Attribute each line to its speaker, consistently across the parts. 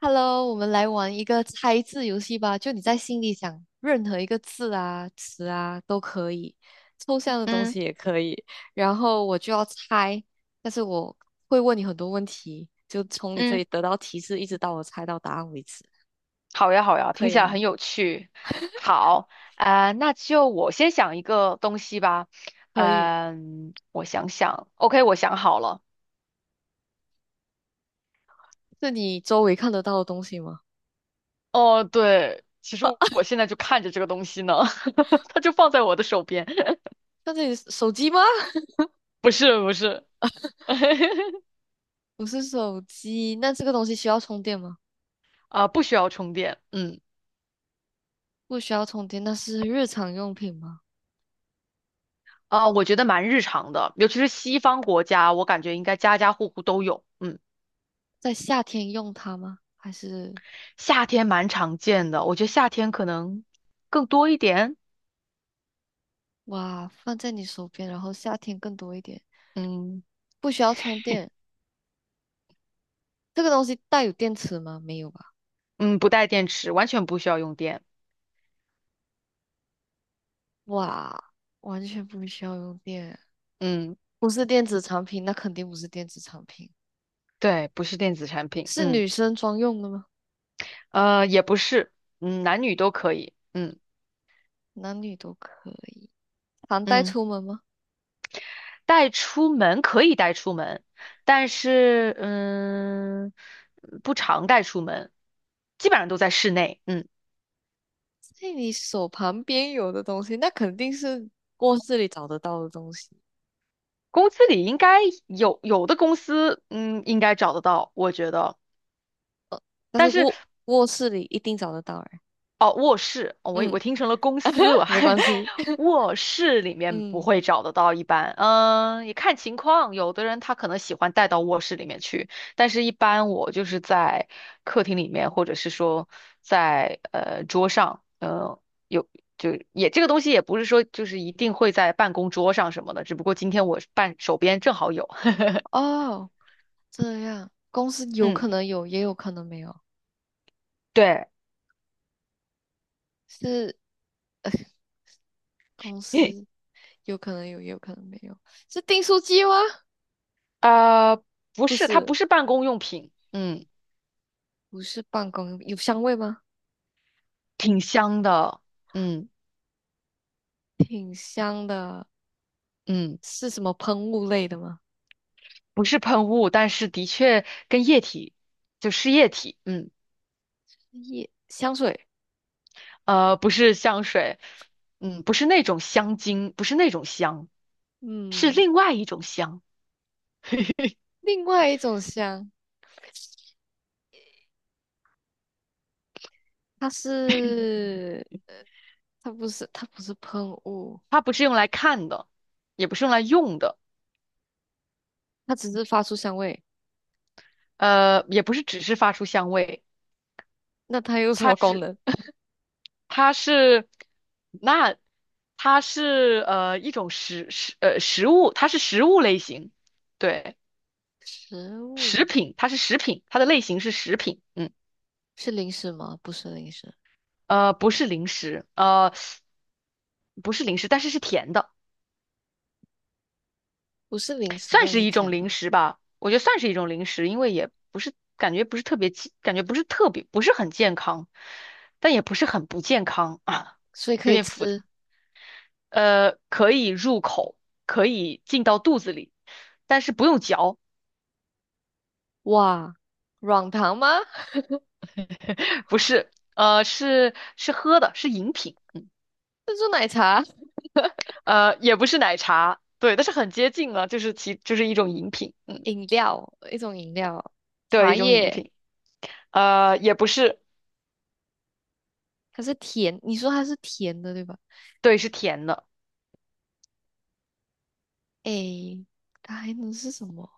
Speaker 1: Hello，我们来玩一个猜字游戏吧。就你在心里想任何一个字啊、词啊都可以，抽象的东
Speaker 2: 嗯
Speaker 1: 西也可以。然后我就要猜，但是我会问你很多问题，就从你这
Speaker 2: 嗯，
Speaker 1: 里得到提示，一直到我猜到答案为止，
Speaker 2: 好呀好呀，
Speaker 1: 可
Speaker 2: 听
Speaker 1: 以
Speaker 2: 起来
Speaker 1: 吗？
Speaker 2: 很有趣。好，那就我先想一个东西吧。
Speaker 1: 可以。
Speaker 2: 我想想，OK，我想好了。
Speaker 1: 是你周围看得到的东西吗？
Speaker 2: 哦，对，其实我现在就看着这个东西呢，它就放在我的手边。
Speaker 1: 看这里手机吗？
Speaker 2: 不是不是，
Speaker 1: 不是手机，那这个东西需要充电吗？
Speaker 2: 不需要充电。嗯，
Speaker 1: 不需要充电，那是日常用品吗？
Speaker 2: 我觉得蛮日常的，尤其是西方国家，我感觉应该家家户户都有。嗯，
Speaker 1: 在夏天用它吗？还是？
Speaker 2: 夏天蛮常见的，我觉得夏天可能更多一点。
Speaker 1: 哇，放在你手边，然后夏天更多一点，
Speaker 2: 嗯。
Speaker 1: 不需要充电。这个东西带有电池吗？没有吧？
Speaker 2: 嗯，不带电池，完全不需要用电。
Speaker 1: 哇，完全不需要用电，
Speaker 2: 嗯，
Speaker 1: 不是电子产品，那肯定不是电子产品，
Speaker 2: 对，不是电子产品。
Speaker 1: 是
Speaker 2: 嗯，
Speaker 1: 女生专用的吗？
Speaker 2: 也不是，嗯，男女都可以。嗯
Speaker 1: 男女都可以，常带
Speaker 2: 嗯，
Speaker 1: 出门吗？
Speaker 2: 带出门可以带出门，但是不常带出门，基本上都在室内。嗯，
Speaker 1: 在你手旁边有的东西，那肯定是卧室里找得到的东西，
Speaker 2: 公司里应该有的公司，嗯，应该找得到，我觉得。
Speaker 1: 但是
Speaker 2: 但是。
Speaker 1: 卧室里一定找得到哎。
Speaker 2: 哦，卧室，哦我
Speaker 1: 嗯，
Speaker 2: 听成了公司，我
Speaker 1: 没
Speaker 2: 还
Speaker 1: 关系。
Speaker 2: 卧室里面不
Speaker 1: 嗯，
Speaker 2: 会找得到，一般，嗯，也看情况，有的人他可能喜欢带到卧室里面去，但是一般我就是在客厅里面，或者是说在桌上，有也这个东西也不是说就是一定会在办公桌上什么的，只不过今天我办手边正好有，
Speaker 1: 哦，这样，公司 有
Speaker 2: 嗯，
Speaker 1: 可能有，也有可能没有。
Speaker 2: 对，
Speaker 1: 是公 司，有可能有，也有可能没有。是订书机吗？
Speaker 2: 呃，不
Speaker 1: 不
Speaker 2: 是，它
Speaker 1: 是，
Speaker 2: 不是办公用品，嗯，
Speaker 1: 不是办公，有香味吗？
Speaker 2: 挺香的，嗯。
Speaker 1: 挺香的，
Speaker 2: 嗯，
Speaker 1: 是什么喷雾类的吗？
Speaker 2: 不是喷雾，但是的确跟液体，就是液体，嗯，
Speaker 1: 液香水，
Speaker 2: 不是香水，嗯，不是那种香精，不是那种香，是
Speaker 1: 嗯，
Speaker 2: 另外一种香，
Speaker 1: 另外一种香，它是它不是喷雾，
Speaker 2: 它不是用来看的，也不是用来用的，
Speaker 1: 它只是发出香味。
Speaker 2: 也不是只是发出香味，
Speaker 1: 那它有什么功能？
Speaker 2: 它是，那它是一种食物，它是食物类型，对，
Speaker 1: 食物
Speaker 2: 食品，它是食品，它的类型是食品，嗯。
Speaker 1: 是零食吗？不是零食，
Speaker 2: 不是零食，不是零食，但是是甜的，
Speaker 1: 不是零食，
Speaker 2: 算
Speaker 1: 但
Speaker 2: 是
Speaker 1: 是
Speaker 2: 一种
Speaker 1: 甜的，
Speaker 2: 零食吧。我觉得算是一种零食，因为也不是感觉不是特别不是很健康，但也不是很不健康啊，
Speaker 1: 所以 可
Speaker 2: 有
Speaker 1: 以
Speaker 2: 点复杂。
Speaker 1: 吃。
Speaker 2: 可以入口，可以进到肚子里，但是不用嚼，
Speaker 1: 哇，软糖吗？
Speaker 2: 不是，是喝的，是饮品，
Speaker 1: 珍珠奶茶
Speaker 2: 也不是奶茶，对，但是很接近了，就是其就是一种饮品，嗯，
Speaker 1: 饮料，一种饮料，
Speaker 2: 对，
Speaker 1: 茶
Speaker 2: 一种饮
Speaker 1: 叶，
Speaker 2: 品。也不是，
Speaker 1: 它是甜，你说它是甜的对吧？
Speaker 2: 对，是甜的，
Speaker 1: 诶，它还能是什么？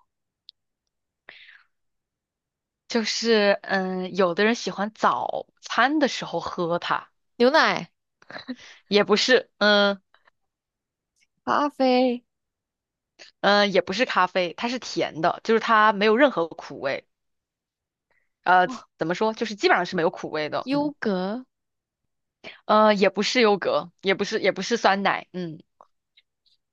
Speaker 2: 就是嗯，有的人喜欢早餐的时候喝它，
Speaker 1: 牛奶、
Speaker 2: 也不是，嗯
Speaker 1: 咖啡，
Speaker 2: 嗯，也不是咖啡，它是甜的，就是它没有任何苦味，呃，
Speaker 1: 哇，
Speaker 2: 怎么说，就是基本上是没有苦味的，
Speaker 1: 优
Speaker 2: 嗯，
Speaker 1: 格，
Speaker 2: 也不是优格，也不是酸奶，嗯，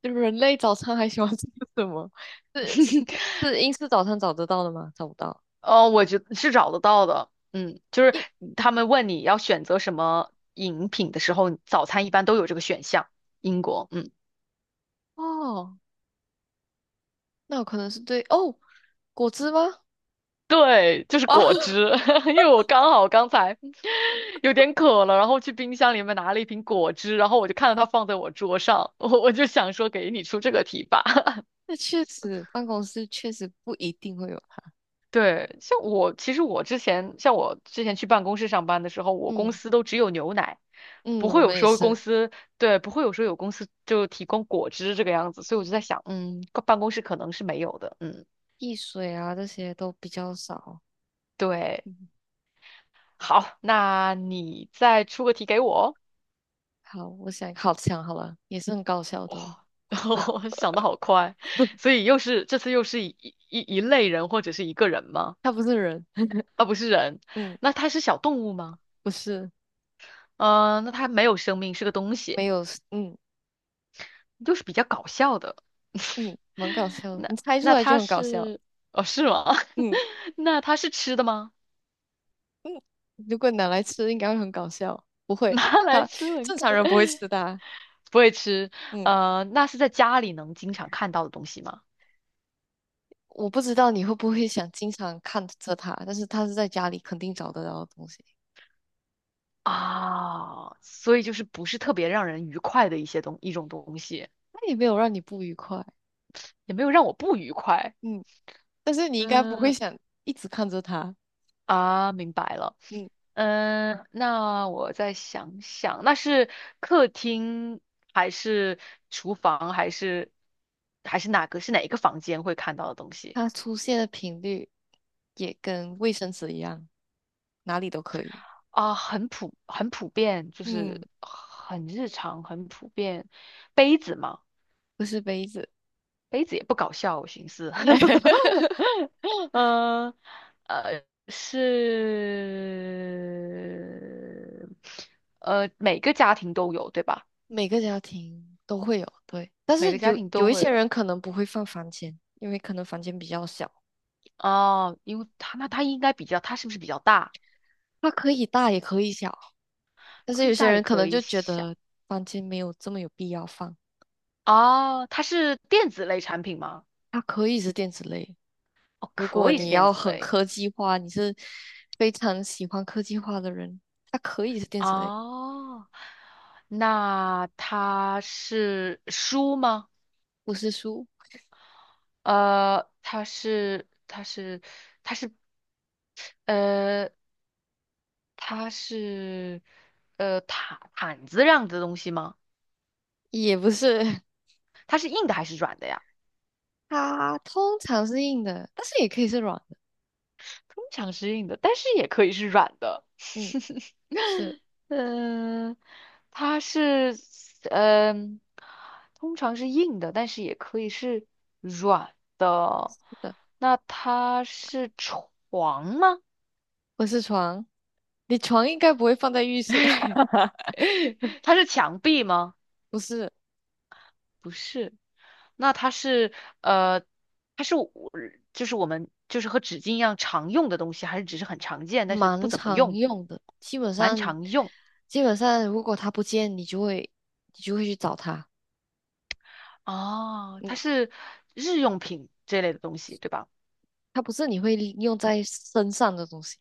Speaker 1: 人类早餐还喜欢吃什么？是是 是英式早餐找得到的吗？找不到。
Speaker 2: 哦，我觉得是找得到的，嗯，就是
Speaker 1: 英
Speaker 2: 他们问你要选择什么饮品的时候，早餐一般都有这个选项，英国，嗯。
Speaker 1: 哦，那有可能是对哦，果汁吗？
Speaker 2: 对，就是
Speaker 1: 哦，
Speaker 2: 果汁，因为我刚好刚才有点渴了，然后去冰箱里面拿了一瓶果汁，然后我就看到它放在我桌上，我就想说给你出这个题吧。
Speaker 1: 那确实，办公室确实不一定会有它。
Speaker 2: 对，其实我之前像我之前去办公室上班的时候，我公
Speaker 1: 嗯
Speaker 2: 司都只有牛奶，
Speaker 1: 嗯，
Speaker 2: 不
Speaker 1: 我
Speaker 2: 会有
Speaker 1: 们也
Speaker 2: 说公
Speaker 1: 是，
Speaker 2: 司对不会有说有公司就提供果汁这个样子，所以我就在想，嗯，办公室可能是没有的，嗯，
Speaker 1: 汽水啊这些都比较少。
Speaker 2: 对，
Speaker 1: 嗯
Speaker 2: 好，那你再出个题给我。
Speaker 1: 好，我想好了，也是很搞笑的哦。
Speaker 2: 哇，我想的好快，所以又是一类人或者是一个人吗？
Speaker 1: 他不是人，嗯，
Speaker 2: 那它是小动物吗？
Speaker 1: 不是，
Speaker 2: 嗯，那它没有生命，是个东西，
Speaker 1: 没有，嗯
Speaker 2: 又是比较搞笑的。
Speaker 1: 嗯，蛮搞笑的。
Speaker 2: 那
Speaker 1: 你猜出
Speaker 2: 那
Speaker 1: 来就
Speaker 2: 它
Speaker 1: 很搞笑，
Speaker 2: 是哦是吗？
Speaker 1: 嗯
Speaker 2: 那它是吃的吗？
Speaker 1: 嗯。如果拿来吃，应该会很搞笑。不 会，
Speaker 2: 拿来
Speaker 1: 他
Speaker 2: 吃很
Speaker 1: 正
Speaker 2: 开，
Speaker 1: 常人不会吃的啊
Speaker 2: 不会吃。
Speaker 1: 嗯，
Speaker 2: 那是在家里能经常看到的东西吗？
Speaker 1: 我不知道你会不会想经常看着他，但是他是在家里肯定找得到的东西，
Speaker 2: 啊，所以就是不是特别让人愉快的一种东西，
Speaker 1: 他也没有让你不愉快。
Speaker 2: 也没有让我不愉快。
Speaker 1: 嗯，但是你应该不会
Speaker 2: 嗯，
Speaker 1: 想一直看着他。
Speaker 2: 啊，明白了。
Speaker 1: 嗯，
Speaker 2: 嗯，那我再想想，那是客厅还是厨房还是哪个是哪一个房间会看到的东西
Speaker 1: 它出现的频率也跟卫生纸一样，哪里都可以。
Speaker 2: 啊？很普遍，就是
Speaker 1: 嗯，
Speaker 2: 很日常很普遍。杯子嘛，
Speaker 1: 不是杯子，
Speaker 2: 杯子也不搞笑，我寻思。嗯呃，是每个家庭都有，对吧？
Speaker 1: 每个家庭都会有，对。但是
Speaker 2: 每个家
Speaker 1: 有
Speaker 2: 庭
Speaker 1: 有
Speaker 2: 都
Speaker 1: 一
Speaker 2: 会
Speaker 1: 些
Speaker 2: 有。
Speaker 1: 人可能不会放房间，因为可能房间比较小，
Speaker 2: 哦，因为它那它应该比较，它是不是比较大？
Speaker 1: 它可以大也可以小。但是
Speaker 2: 可
Speaker 1: 有
Speaker 2: 以
Speaker 1: 些
Speaker 2: 大也
Speaker 1: 人可
Speaker 2: 可
Speaker 1: 能
Speaker 2: 以
Speaker 1: 就觉
Speaker 2: 小。
Speaker 1: 得房间没有这么有必要放，
Speaker 2: 哦，它是电子类产品吗？
Speaker 1: 它可以是电子类。
Speaker 2: 哦，
Speaker 1: 如果
Speaker 2: 可以是
Speaker 1: 你
Speaker 2: 电
Speaker 1: 要
Speaker 2: 子
Speaker 1: 很
Speaker 2: 类。
Speaker 1: 科技化，你是非常喜欢科技化的人，它可以是电子类，
Speaker 2: 哦，那它是书吗？
Speaker 1: 不是书，
Speaker 2: 呃，它是它是它是呃它是毯子这样子的东西吗？
Speaker 1: 也不是，
Speaker 2: 它是硬的还是软的呀？
Speaker 1: 它通常是硬的，但是也可以是软的。
Speaker 2: 通常是硬的，但是也可以是软的。
Speaker 1: 嗯，是
Speaker 2: 嗯，它是嗯，通常是硬的，但是也可以是软的。
Speaker 1: 是的，
Speaker 2: 那它是床吗？
Speaker 1: 不是床。你床应该不会放在浴室，
Speaker 2: 它是墙壁吗？
Speaker 1: 不是，
Speaker 2: 不是。那它是呃，它是我就是我们就是和纸巾一样常用的东西，还是只是很常见，但是不
Speaker 1: 蛮
Speaker 2: 怎么
Speaker 1: 常
Speaker 2: 用，
Speaker 1: 用的。基本上，
Speaker 2: 常用？
Speaker 1: 基本上如果它不见，你就会去找它。
Speaker 2: 哦，它
Speaker 1: 嗯，
Speaker 2: 是日用品这类的东西，对吧？
Speaker 1: 它不是你会用在身上的东西。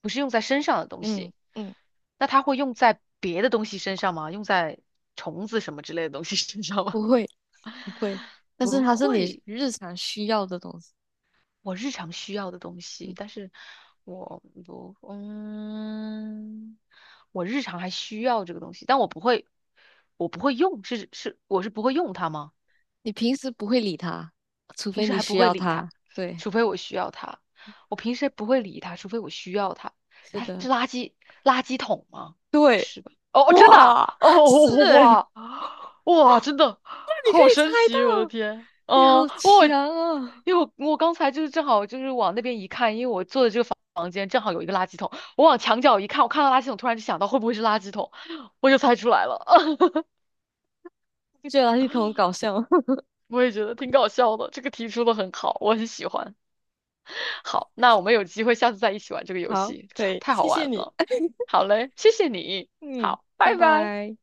Speaker 2: 不是用在身上的东
Speaker 1: 嗯
Speaker 2: 西，
Speaker 1: 嗯，
Speaker 2: 那它会用在别的东西身上吗？用在虫子什么之类的东西身上吗？
Speaker 1: 不会不会，但是
Speaker 2: 不
Speaker 1: 它是你
Speaker 2: 会，
Speaker 1: 日常需要的东西。
Speaker 2: 我日常需要的东西，
Speaker 1: 嗯，
Speaker 2: 但是我不，嗯，我日常还需要这个东西，但我不会，我不会用，我是不会用它吗？
Speaker 1: 你平时不会理它，除
Speaker 2: 平
Speaker 1: 非
Speaker 2: 时
Speaker 1: 你
Speaker 2: 还不
Speaker 1: 需
Speaker 2: 会
Speaker 1: 要
Speaker 2: 理他，
Speaker 1: 它。对，
Speaker 2: 除非我需要他。我平时不会理他，除非我需要他。
Speaker 1: 是
Speaker 2: 他
Speaker 1: 的，
Speaker 2: 是垃圾桶吗？不
Speaker 1: 对，
Speaker 2: 是吧？哦，真的
Speaker 1: 哇，
Speaker 2: 啊 哦，
Speaker 1: 是，
Speaker 2: 哇哇，真的
Speaker 1: 你可
Speaker 2: 好
Speaker 1: 以猜
Speaker 2: 神奇，我的
Speaker 1: 到，
Speaker 2: 天！
Speaker 1: 你好
Speaker 2: 嗯，我
Speaker 1: 强啊！
Speaker 2: 因为我刚才就是正好就是往那边一看，因为我坐的这个房间正好有一个垃圾桶，我往墙角一看，我看到垃圾桶，突然就想到会不会是垃圾桶，我就猜出来了。
Speaker 1: 不觉得垃圾桶很搞笑吗？
Speaker 2: 我也觉得挺搞笑的，这个提出的很好，我很喜欢。好，那我们有机会下次再一起玩这个游
Speaker 1: 好，
Speaker 2: 戏，
Speaker 1: 可
Speaker 2: 太
Speaker 1: 以，
Speaker 2: 太好
Speaker 1: 谢
Speaker 2: 玩
Speaker 1: 谢你。
Speaker 2: 了。好嘞，谢谢你，
Speaker 1: 嗯，
Speaker 2: 好，
Speaker 1: 拜
Speaker 2: 拜拜。
Speaker 1: 拜。